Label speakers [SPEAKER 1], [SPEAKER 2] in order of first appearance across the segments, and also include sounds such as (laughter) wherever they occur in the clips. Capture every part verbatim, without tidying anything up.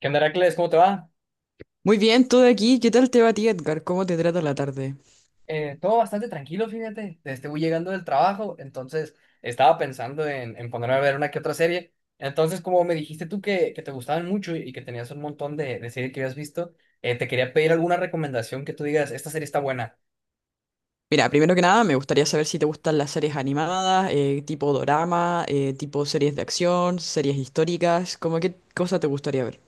[SPEAKER 1] ¿Qué onda, Heracles? ¿Cómo te va?
[SPEAKER 2] Muy bien, todo aquí. ¿Qué tal te va a ti, Edgar? ¿Cómo te trata la tarde?
[SPEAKER 1] Eh, todo bastante tranquilo, fíjate. Este, voy llegando del trabajo, entonces estaba pensando en, en ponerme a ver una que otra serie. Entonces, como me dijiste tú que, que te gustaban mucho y que tenías un montón de, de series que habías visto, eh, te quería pedir alguna recomendación que tú digas, esta serie está buena.
[SPEAKER 2] Mira, primero que nada, me gustaría saber si te gustan las series animadas, eh, tipo dorama, eh, tipo series de acción, series históricas, ¿cómo qué cosa te gustaría ver?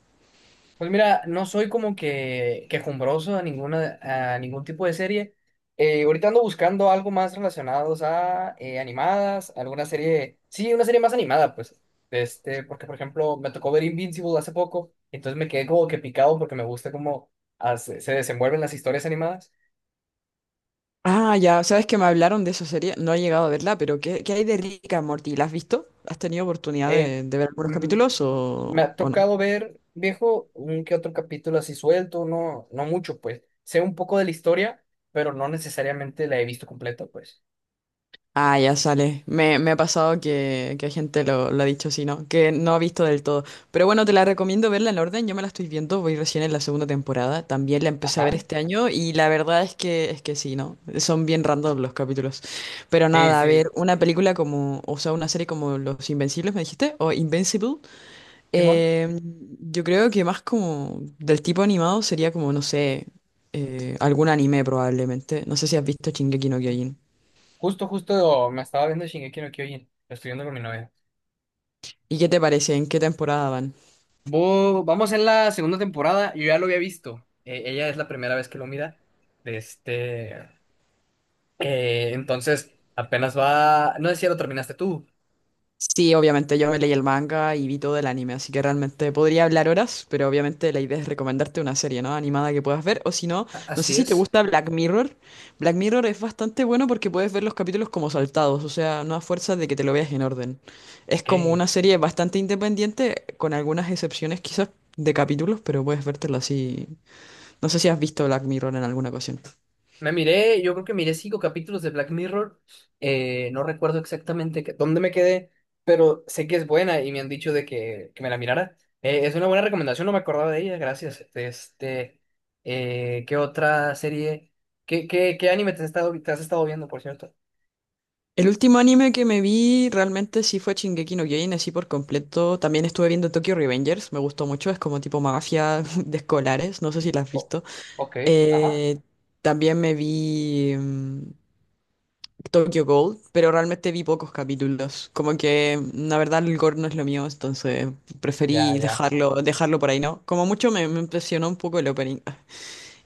[SPEAKER 1] Pues mira, no soy como que quejumbroso a ninguna a ningún tipo de serie. Eh, ahorita ando buscando algo más relacionados a eh, animadas, alguna serie, sí, una serie más animada, pues. Este, porque por ejemplo, me tocó ver Invincible hace poco, entonces me quedé como que picado porque me gusta cómo hace- se desenvuelven las historias animadas.
[SPEAKER 2] Ah, ya, sabes que me hablaron de esa serie, no he llegado a verla, pero ¿qué, ¿qué hay de Rick and Morty? ¿La has visto? ¿Has tenido oportunidad
[SPEAKER 1] Eh,
[SPEAKER 2] de, de ver algunos
[SPEAKER 1] mm,
[SPEAKER 2] capítulos o,
[SPEAKER 1] Me ha
[SPEAKER 2] o no?
[SPEAKER 1] tocado ver, viejo, un que otro capítulo así suelto, no, no mucho, pues. Sé un poco de la historia, pero no necesariamente la he visto completa, pues.
[SPEAKER 2] Ah, ya sale. Me, me ha pasado que, que gente lo, lo ha dicho así, ¿no? Que no ha visto del todo. Pero bueno, te la recomiendo verla en orden. Yo me la estoy viendo, voy recién en la segunda temporada. También la empecé a ver
[SPEAKER 1] Ajá.
[SPEAKER 2] este año y la verdad es que, es que sí, ¿no? Son bien random los capítulos. Pero
[SPEAKER 1] Sí,
[SPEAKER 2] nada, a ver,
[SPEAKER 1] sí.
[SPEAKER 2] una película como, o sea, una serie como Los Invencibles, me dijiste, o Invincible.
[SPEAKER 1] Simón,
[SPEAKER 2] eh, yo creo que más como del tipo animado sería como, no sé, eh, algún anime probablemente. No sé si has visto Shingeki no Kyojin.
[SPEAKER 1] justo, justo me estaba viendo Shingeki no Kyojin. Lo estoy viendo con mi novia.
[SPEAKER 2] ¿Y qué te parece? ¿En qué temporada van?
[SPEAKER 1] Vo- vamos en la segunda temporada. Yo ya lo había visto. Eh, ella es la primera vez que lo mira. De este, eh, entonces, apenas va. No sé si ya lo terminaste tú.
[SPEAKER 2] Sí, obviamente yo me leí el manga y vi todo el anime, así que realmente podría hablar horas, pero obviamente la idea es recomendarte una serie, ¿no? Animada que puedas ver, o si no,
[SPEAKER 1] A-
[SPEAKER 2] no sé
[SPEAKER 1] Así
[SPEAKER 2] si te
[SPEAKER 1] es.
[SPEAKER 2] gusta Black Mirror. Black Mirror es bastante bueno porque puedes ver los capítulos como saltados, o sea, no a fuerza de que te lo veas en orden. Es
[SPEAKER 1] Ok.
[SPEAKER 2] como una serie bastante independiente, con algunas excepciones quizás de capítulos, pero puedes vértela así. No sé si has visto Black Mirror en alguna ocasión.
[SPEAKER 1] Me miré, yo creo que miré cinco capítulos de Black Mirror. Eh, no recuerdo exactamente qué- dónde me quedé, pero sé que es buena y me han dicho de que, que me la mirara. Eh, es una buena recomendación, no me acordaba de ella, gracias. Este, eh, ¿qué otra serie? ¿Qué, qué, qué anime te has estado, te has estado viendo, por cierto?
[SPEAKER 2] El último anime que me vi realmente sí fue Shingeki no Kyojin, así por completo. También estuve viendo Tokyo Revengers, me gustó mucho, es como tipo mafia (laughs) de escolares, no sé si la has
[SPEAKER 1] Oh,
[SPEAKER 2] visto.
[SPEAKER 1] ok, ajá,
[SPEAKER 2] Eh, también me vi mm, Tokyo Gold, pero realmente vi pocos capítulos. Como que mm, la verdad el gore no es lo mío, entonces
[SPEAKER 1] ya,
[SPEAKER 2] preferí
[SPEAKER 1] ya.
[SPEAKER 2] dejarlo, dejarlo por ahí, ¿no? Como mucho me, me impresionó un poco el opening.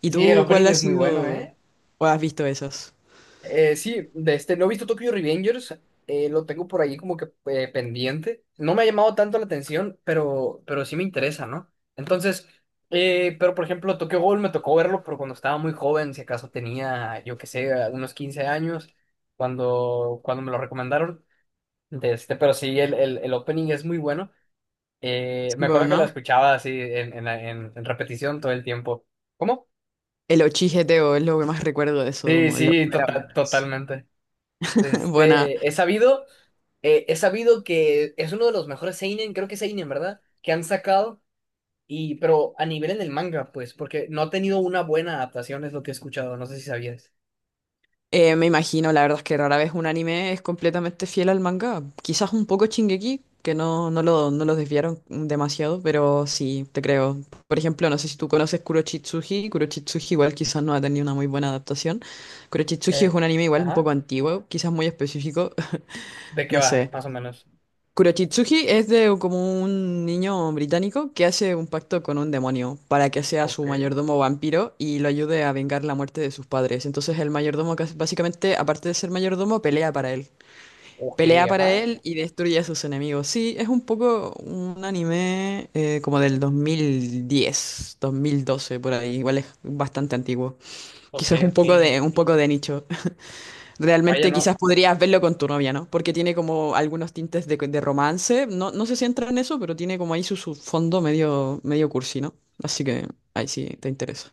[SPEAKER 2] ¿Y
[SPEAKER 1] Sí, el
[SPEAKER 2] tú cuál
[SPEAKER 1] opening
[SPEAKER 2] ha
[SPEAKER 1] es muy bueno,
[SPEAKER 2] sido
[SPEAKER 1] ¿eh?
[SPEAKER 2] o has visto esos?
[SPEAKER 1] Eh, sí, de este, no he visto Tokyo Revengers, eh, lo tengo por ahí como que eh, pendiente. No me ha llamado tanto la atención, pero, pero sí me interesa, ¿no? Entonces, eh, pero por ejemplo, Tokyo Ghoul me tocó verlo, pero cuando estaba muy joven, si acaso tenía, yo qué sé, unos quince años, cuando, cuando me lo recomendaron. De este, pero sí, el, el, el opening es muy bueno. Eh, me
[SPEAKER 2] Sí, bueno,
[SPEAKER 1] acuerdo que lo
[SPEAKER 2] ¿no?
[SPEAKER 1] escuchaba así en, en, la- en- en repetición todo el tiempo. ¿Cómo?
[SPEAKER 2] El ochigeteo es lo que más recuerdo de eso,
[SPEAKER 1] Sí,
[SPEAKER 2] como la
[SPEAKER 1] sí,
[SPEAKER 2] primera
[SPEAKER 1] total,
[SPEAKER 2] vez.
[SPEAKER 1] totalmente.
[SPEAKER 2] (laughs) Buena.
[SPEAKER 1] Este, he sabido. Eh, he sabido que es uno de los mejores seinen, creo que es seinen, ¿verdad? Que han sacado, y pero a nivel en el manga, pues, porque no ha tenido una buena adaptación, es lo que he escuchado, no sé si sabías.
[SPEAKER 2] Eh, me imagino, la verdad es que rara vez un anime es completamente fiel al manga. Quizás un poco Shingeki, que no, no lo, no lo desviaron demasiado, pero sí, te creo. Por ejemplo, no sé si tú conoces Kurochitsuji. Kurochitsuji igual quizás no ha tenido una muy buena adaptación. Kurochitsuji es
[SPEAKER 1] Eh,
[SPEAKER 2] un anime igual un
[SPEAKER 1] ajá,
[SPEAKER 2] poco antiguo, quizás muy específico,
[SPEAKER 1] ¿De
[SPEAKER 2] (laughs)
[SPEAKER 1] qué
[SPEAKER 2] no
[SPEAKER 1] va,
[SPEAKER 2] sé.
[SPEAKER 1] más o menos?
[SPEAKER 2] Kurochitsuji es de como un niño británico que hace un pacto con un demonio para que sea
[SPEAKER 1] Ok,
[SPEAKER 2] su mayordomo vampiro y lo ayude a vengar la muerte de sus padres. Entonces el mayordomo cas- básicamente, aparte de ser mayordomo, pelea para él.
[SPEAKER 1] ok,
[SPEAKER 2] Pelea para
[SPEAKER 1] ajá,
[SPEAKER 2] él y destruye a sus enemigos. Sí, es un poco un anime eh, como del dos mil diez, dos mil doce por ahí. Igual es bastante antiguo.
[SPEAKER 1] ok,
[SPEAKER 2] Quizás un
[SPEAKER 1] ok.
[SPEAKER 2] poco de un poco de nicho.
[SPEAKER 1] Vaya,
[SPEAKER 2] Realmente
[SPEAKER 1] no,
[SPEAKER 2] quizás podrías verlo con tu novia, ¿no? Porque tiene como algunos tintes de, de romance. No, no sé si entra en eso, pero tiene como ahí su, su fondo medio, medio cursi, ¿no? Así que ahí sí te interesa.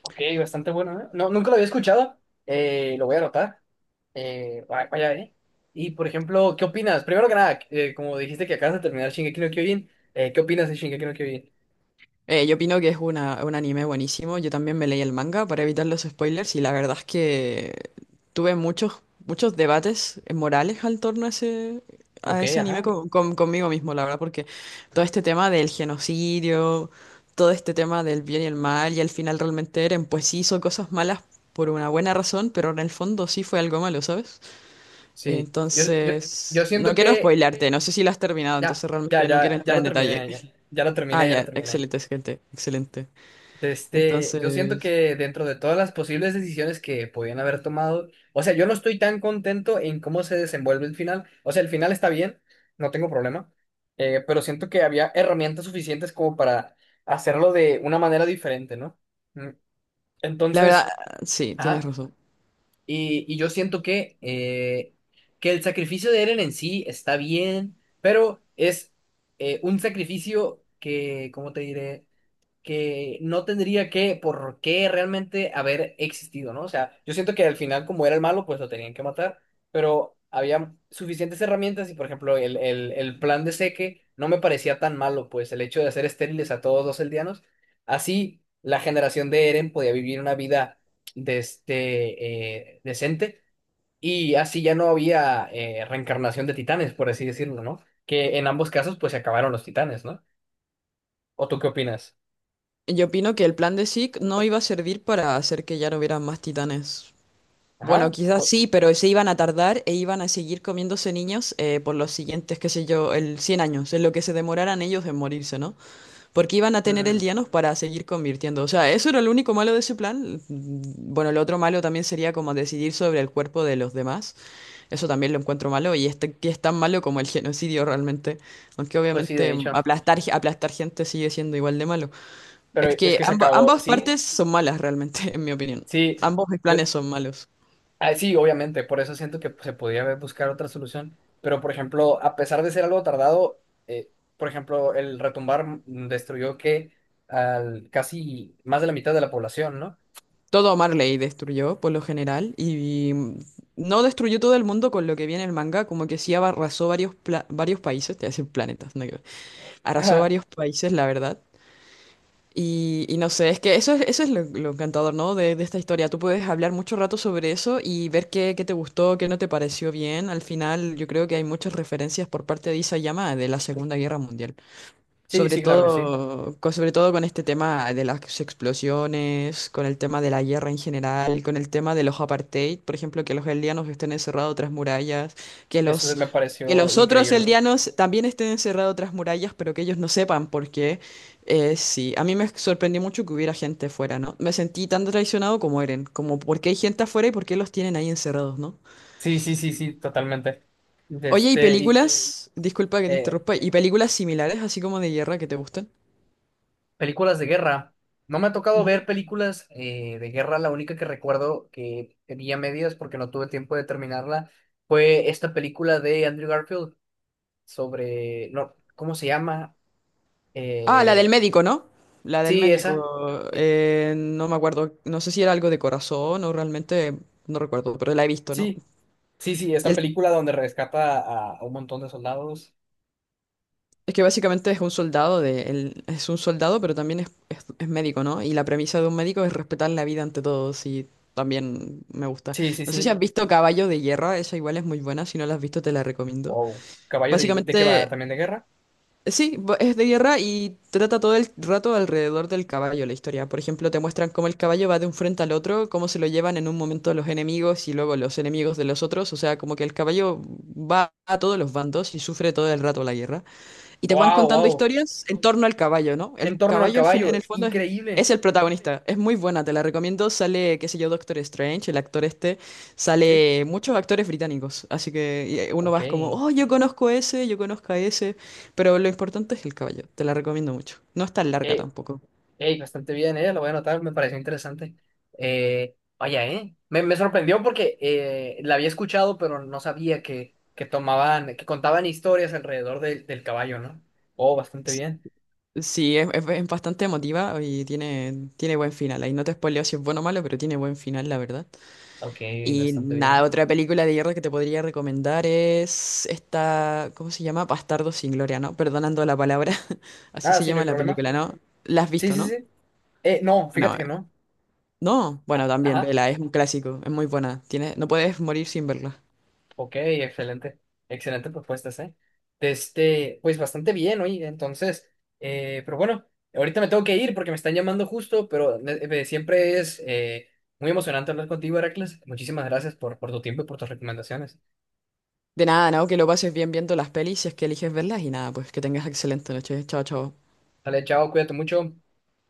[SPEAKER 1] ok, bastante bueno, ¿eh? No, nunca lo había escuchado, eh, lo voy a anotar. Eh, va- vaya, ¿eh? Y, por ejemplo, ¿qué opinas? Primero que nada, eh, como dijiste que acabas de terminar Shingeki no Kyojin, eh, ¿qué opinas de Shingeki no Kyojin?
[SPEAKER 2] Eh, yo opino que es una, un anime buenísimo. Yo también me leí el manga para evitar los spoilers y la verdad es que tuve muchos, muchos debates morales al torno a ese,
[SPEAKER 1] Ok,
[SPEAKER 2] a ese anime
[SPEAKER 1] ajá.
[SPEAKER 2] con- con- conmigo mismo, la verdad, porque todo este tema del genocidio, todo este tema del bien y el mal y al final realmente Eren pues sí hizo cosas malas por una buena razón, pero en el fondo sí fue algo malo, ¿sabes?
[SPEAKER 1] Sí, yo, yo, yo
[SPEAKER 2] Entonces, no
[SPEAKER 1] siento
[SPEAKER 2] quiero
[SPEAKER 1] que
[SPEAKER 2] spoilearte, no sé si lo has terminado,
[SPEAKER 1] ya,
[SPEAKER 2] entonces
[SPEAKER 1] ya,
[SPEAKER 2] realmente
[SPEAKER 1] ya,
[SPEAKER 2] no quiero
[SPEAKER 1] ya
[SPEAKER 2] entrar
[SPEAKER 1] lo
[SPEAKER 2] en
[SPEAKER 1] terminé,
[SPEAKER 2] detalle.
[SPEAKER 1] ya, ya lo terminé,
[SPEAKER 2] Ah,
[SPEAKER 1] ya lo
[SPEAKER 2] ya,
[SPEAKER 1] terminé.
[SPEAKER 2] excelente, gente, excelente.
[SPEAKER 1] De este, yo siento
[SPEAKER 2] Entonces,
[SPEAKER 1] que dentro de todas las posibles decisiones que podían haber tomado, o sea, yo no estoy tan contento en cómo se desenvuelve el final. O sea, el final está bien, no tengo problema, eh, pero siento que había herramientas suficientes como para hacerlo de una manera diferente, ¿no? Mm,
[SPEAKER 2] la verdad,
[SPEAKER 1] entonces,
[SPEAKER 2] sí, tienes
[SPEAKER 1] ajá,
[SPEAKER 2] razón.
[SPEAKER 1] Y, y yo siento que, eh, que el sacrificio de Eren en sí está bien, pero es eh, un sacrificio que, ¿cómo te diré? Que no tendría que, por qué realmente haber existido, ¿no? O sea, yo siento que al final, como era el malo, pues lo tenían que matar, pero había suficientes herramientas y, por ejemplo, el, el, el plan de Seque no me parecía tan malo, pues el hecho de hacer estériles a todos los eldianos, así la generación de Eren podía vivir una vida de este, eh, decente y así ya no había eh, reencarnación de titanes, por así decirlo, ¿no? Que en ambos casos, pues se acabaron los titanes, ¿no? ¿O tú qué opinas?
[SPEAKER 2] Yo opino que el plan de Zeke no iba a servir para hacer que ya no hubiera más titanes. Bueno,
[SPEAKER 1] Ajá.
[SPEAKER 2] quizás sí, pero se iban a tardar e iban a seguir comiéndose niños eh, por los siguientes, qué sé yo, el cien años, en lo que se demoraran ellos en morirse, ¿no? Porque iban a tener el
[SPEAKER 1] Mm,
[SPEAKER 2] Dianos para seguir convirtiendo. O sea, eso era lo único malo de ese plan. Mm, Bueno, lo otro malo también sería como decidir sobre el cuerpo de los demás. Eso también lo encuentro malo y, este, que es tan malo como el genocidio realmente. Aunque
[SPEAKER 1] pues sí, de
[SPEAKER 2] obviamente
[SPEAKER 1] hecho.
[SPEAKER 2] aplastar, ge- aplastar gente sigue siendo igual de malo.
[SPEAKER 1] Pero
[SPEAKER 2] Es
[SPEAKER 1] es
[SPEAKER 2] que
[SPEAKER 1] que se
[SPEAKER 2] amba-
[SPEAKER 1] acabó.
[SPEAKER 2] ambas
[SPEAKER 1] Sí,
[SPEAKER 2] partes son malas realmente, (laughs) en mi opinión.
[SPEAKER 1] sí.
[SPEAKER 2] Ambos
[SPEAKER 1] Yo,
[SPEAKER 2] planes son malos.
[SPEAKER 1] ah, sí, obviamente. Por eso siento que se podía haber buscar otra solución. Pero, por ejemplo, a pesar de ser algo tardado, eh, por ejemplo, el retumbar mm, destruyó que al casi más de la mitad de la población, ¿no?
[SPEAKER 2] Todo Marley destruyó por lo general y, mm, no destruyó todo el mundo con lo que viene el manga, como que sí arrasó varios, pla- varios países, te voy a decir planetas, nada que ver. Arrasó
[SPEAKER 1] Ajá.
[SPEAKER 2] varios países, la verdad. Y, y no sé, es que eso es, eso es lo, lo encantador, ¿no? De, de esta historia. Tú puedes hablar mucho rato sobre eso y ver qué, qué te gustó, qué no te pareció bien. Al final, yo creo que hay muchas referencias por parte de Isayama de la Segunda Guerra Mundial.
[SPEAKER 1] Sí,
[SPEAKER 2] Sobre
[SPEAKER 1] sí, claro que sí.
[SPEAKER 2] todo, co- sobre todo con este tema de las explosiones, con el tema de la guerra en general, con el tema de los apartheid, por ejemplo, que los eldianos estén encerrados tras murallas, que
[SPEAKER 1] Eso
[SPEAKER 2] los,
[SPEAKER 1] me
[SPEAKER 2] que
[SPEAKER 1] pareció
[SPEAKER 2] los otros
[SPEAKER 1] increíble.
[SPEAKER 2] eldianos también estén encerrados tras murallas, pero que ellos no sepan por qué. Eh, sí, a mí me sorprendió mucho que hubiera gente afuera, ¿no? Me sentí tan traicionado como Eren, como por qué hay gente afuera y por qué los tienen ahí encerrados, ¿no?
[SPEAKER 1] Sí, sí, sí, sí, totalmente. De
[SPEAKER 2] Oye, ¿y sí,
[SPEAKER 1] este, y,
[SPEAKER 2] películas? Disculpa que te
[SPEAKER 1] eh,
[SPEAKER 2] interrumpa, ¿y películas similares, así como de guerra, que te gustan?
[SPEAKER 1] películas de guerra. No me ha tocado ver películas eh, de guerra. La única que recuerdo que vi a medias porque no tuve tiempo de terminarla fue esta película de Andrew Garfield sobre, no, ¿cómo se llama?
[SPEAKER 2] Ah, la del
[SPEAKER 1] Eh,
[SPEAKER 2] médico, ¿no? La del
[SPEAKER 1] sí,
[SPEAKER 2] médico,
[SPEAKER 1] esa. Eh,
[SPEAKER 2] eh, no me acuerdo, no sé si era algo de corazón o realmente, no recuerdo, pero la he visto, ¿no?
[SPEAKER 1] sí, sí, sí,
[SPEAKER 2] Y
[SPEAKER 1] esta
[SPEAKER 2] el-
[SPEAKER 1] película donde rescata a, a un montón de soldados.
[SPEAKER 2] es que básicamente es un soldado, de, él es un soldado, pero también es, es- es médico, ¿no? Y la premisa de un médico es respetar la vida ante todo, y también me gusta.
[SPEAKER 1] Sí, sí,
[SPEAKER 2] No sé si
[SPEAKER 1] sí.
[SPEAKER 2] has visto Caballo de Guerra, esa igual es muy buena, si no la has visto te la recomiendo.
[SPEAKER 1] Wow. ¿Caballo de, de qué va?
[SPEAKER 2] Básicamente
[SPEAKER 1] ¿También de guerra?
[SPEAKER 2] Sí, bo- es de guerra y trata todo el rato alrededor del caballo la historia. Por ejemplo, te muestran cómo el caballo va de un frente al otro, cómo se lo llevan en un momento los enemigos y luego los enemigos de los otros. O sea, como que el caballo va a todos los bandos y sufre todo el rato la guerra. Y te van
[SPEAKER 1] Wow,
[SPEAKER 2] contando
[SPEAKER 1] wow.
[SPEAKER 2] historias en torno al caballo, ¿no? El
[SPEAKER 1] En torno al
[SPEAKER 2] caballo al fin, en el
[SPEAKER 1] caballo.
[SPEAKER 2] fondo es, es
[SPEAKER 1] Increíble.
[SPEAKER 2] el protagonista. Es muy buena, te la recomiendo. Sale, qué sé yo, Doctor Strange, el actor este.
[SPEAKER 1] Sí.
[SPEAKER 2] Sale muchos actores británicos. Así que y eh, uno
[SPEAKER 1] Ok.
[SPEAKER 2] vas como, oh, yo conozco ese, yo conozco a ese. Pero lo importante es el caballo. Te la recomiendo mucho. No es tan larga
[SPEAKER 1] Eh,
[SPEAKER 2] tampoco.
[SPEAKER 1] ey, bastante bien, ¿eh? Lo voy a anotar, me pareció interesante. Eh, vaya, ¿eh? Me, me sorprendió porque eh, la había escuchado, pero no sabía que, que tomaban, que contaban historias alrededor de- del caballo, ¿no? Oh, bastante
[SPEAKER 2] S-
[SPEAKER 1] bien.
[SPEAKER 2] Sí, es, es- es bastante emotiva y tiene, tiene buen final. Ahí no te spoileo si es bueno o malo, pero tiene buen final, la verdad.
[SPEAKER 1] Ok,
[SPEAKER 2] Y
[SPEAKER 1] bastante
[SPEAKER 2] nada,
[SPEAKER 1] bien.
[SPEAKER 2] otra película de guerra que te podría recomendar es esta, ¿cómo se llama? Bastardo sin gloria, ¿no? Perdonando la palabra, (laughs) así
[SPEAKER 1] Ah,
[SPEAKER 2] se
[SPEAKER 1] sí, no
[SPEAKER 2] llama
[SPEAKER 1] hay
[SPEAKER 2] la
[SPEAKER 1] problema.
[SPEAKER 2] película, ¿no? ¿La has
[SPEAKER 1] Sí,
[SPEAKER 2] visto,
[SPEAKER 1] sí,
[SPEAKER 2] no?
[SPEAKER 1] sí. Eh, no,
[SPEAKER 2] Bueno,
[SPEAKER 1] fíjate que
[SPEAKER 2] eh,
[SPEAKER 1] no.
[SPEAKER 2] no, bueno,
[SPEAKER 1] Ah,
[SPEAKER 2] también,
[SPEAKER 1] ajá.
[SPEAKER 2] vela, es un clásico, es muy buena, tiene, no puedes morir sin verla.
[SPEAKER 1] Ok, excelente, excelente propuestas, ¿eh? De este, pues bastante bien, oye, entonces, eh, pero bueno, ahorita me tengo que ir porque me están llamando justo, pero ne- eh, siempre es eh, muy emocionante hablar contigo, Heracles. Muchísimas gracias por, por tu tiempo y por tus recomendaciones.
[SPEAKER 2] De nada, ¿no? Que lo pases bien viendo las pelis si es que eliges verlas y nada, pues que tengas excelente noche, chao, chao.
[SPEAKER 1] Dale, chao, cuídate mucho.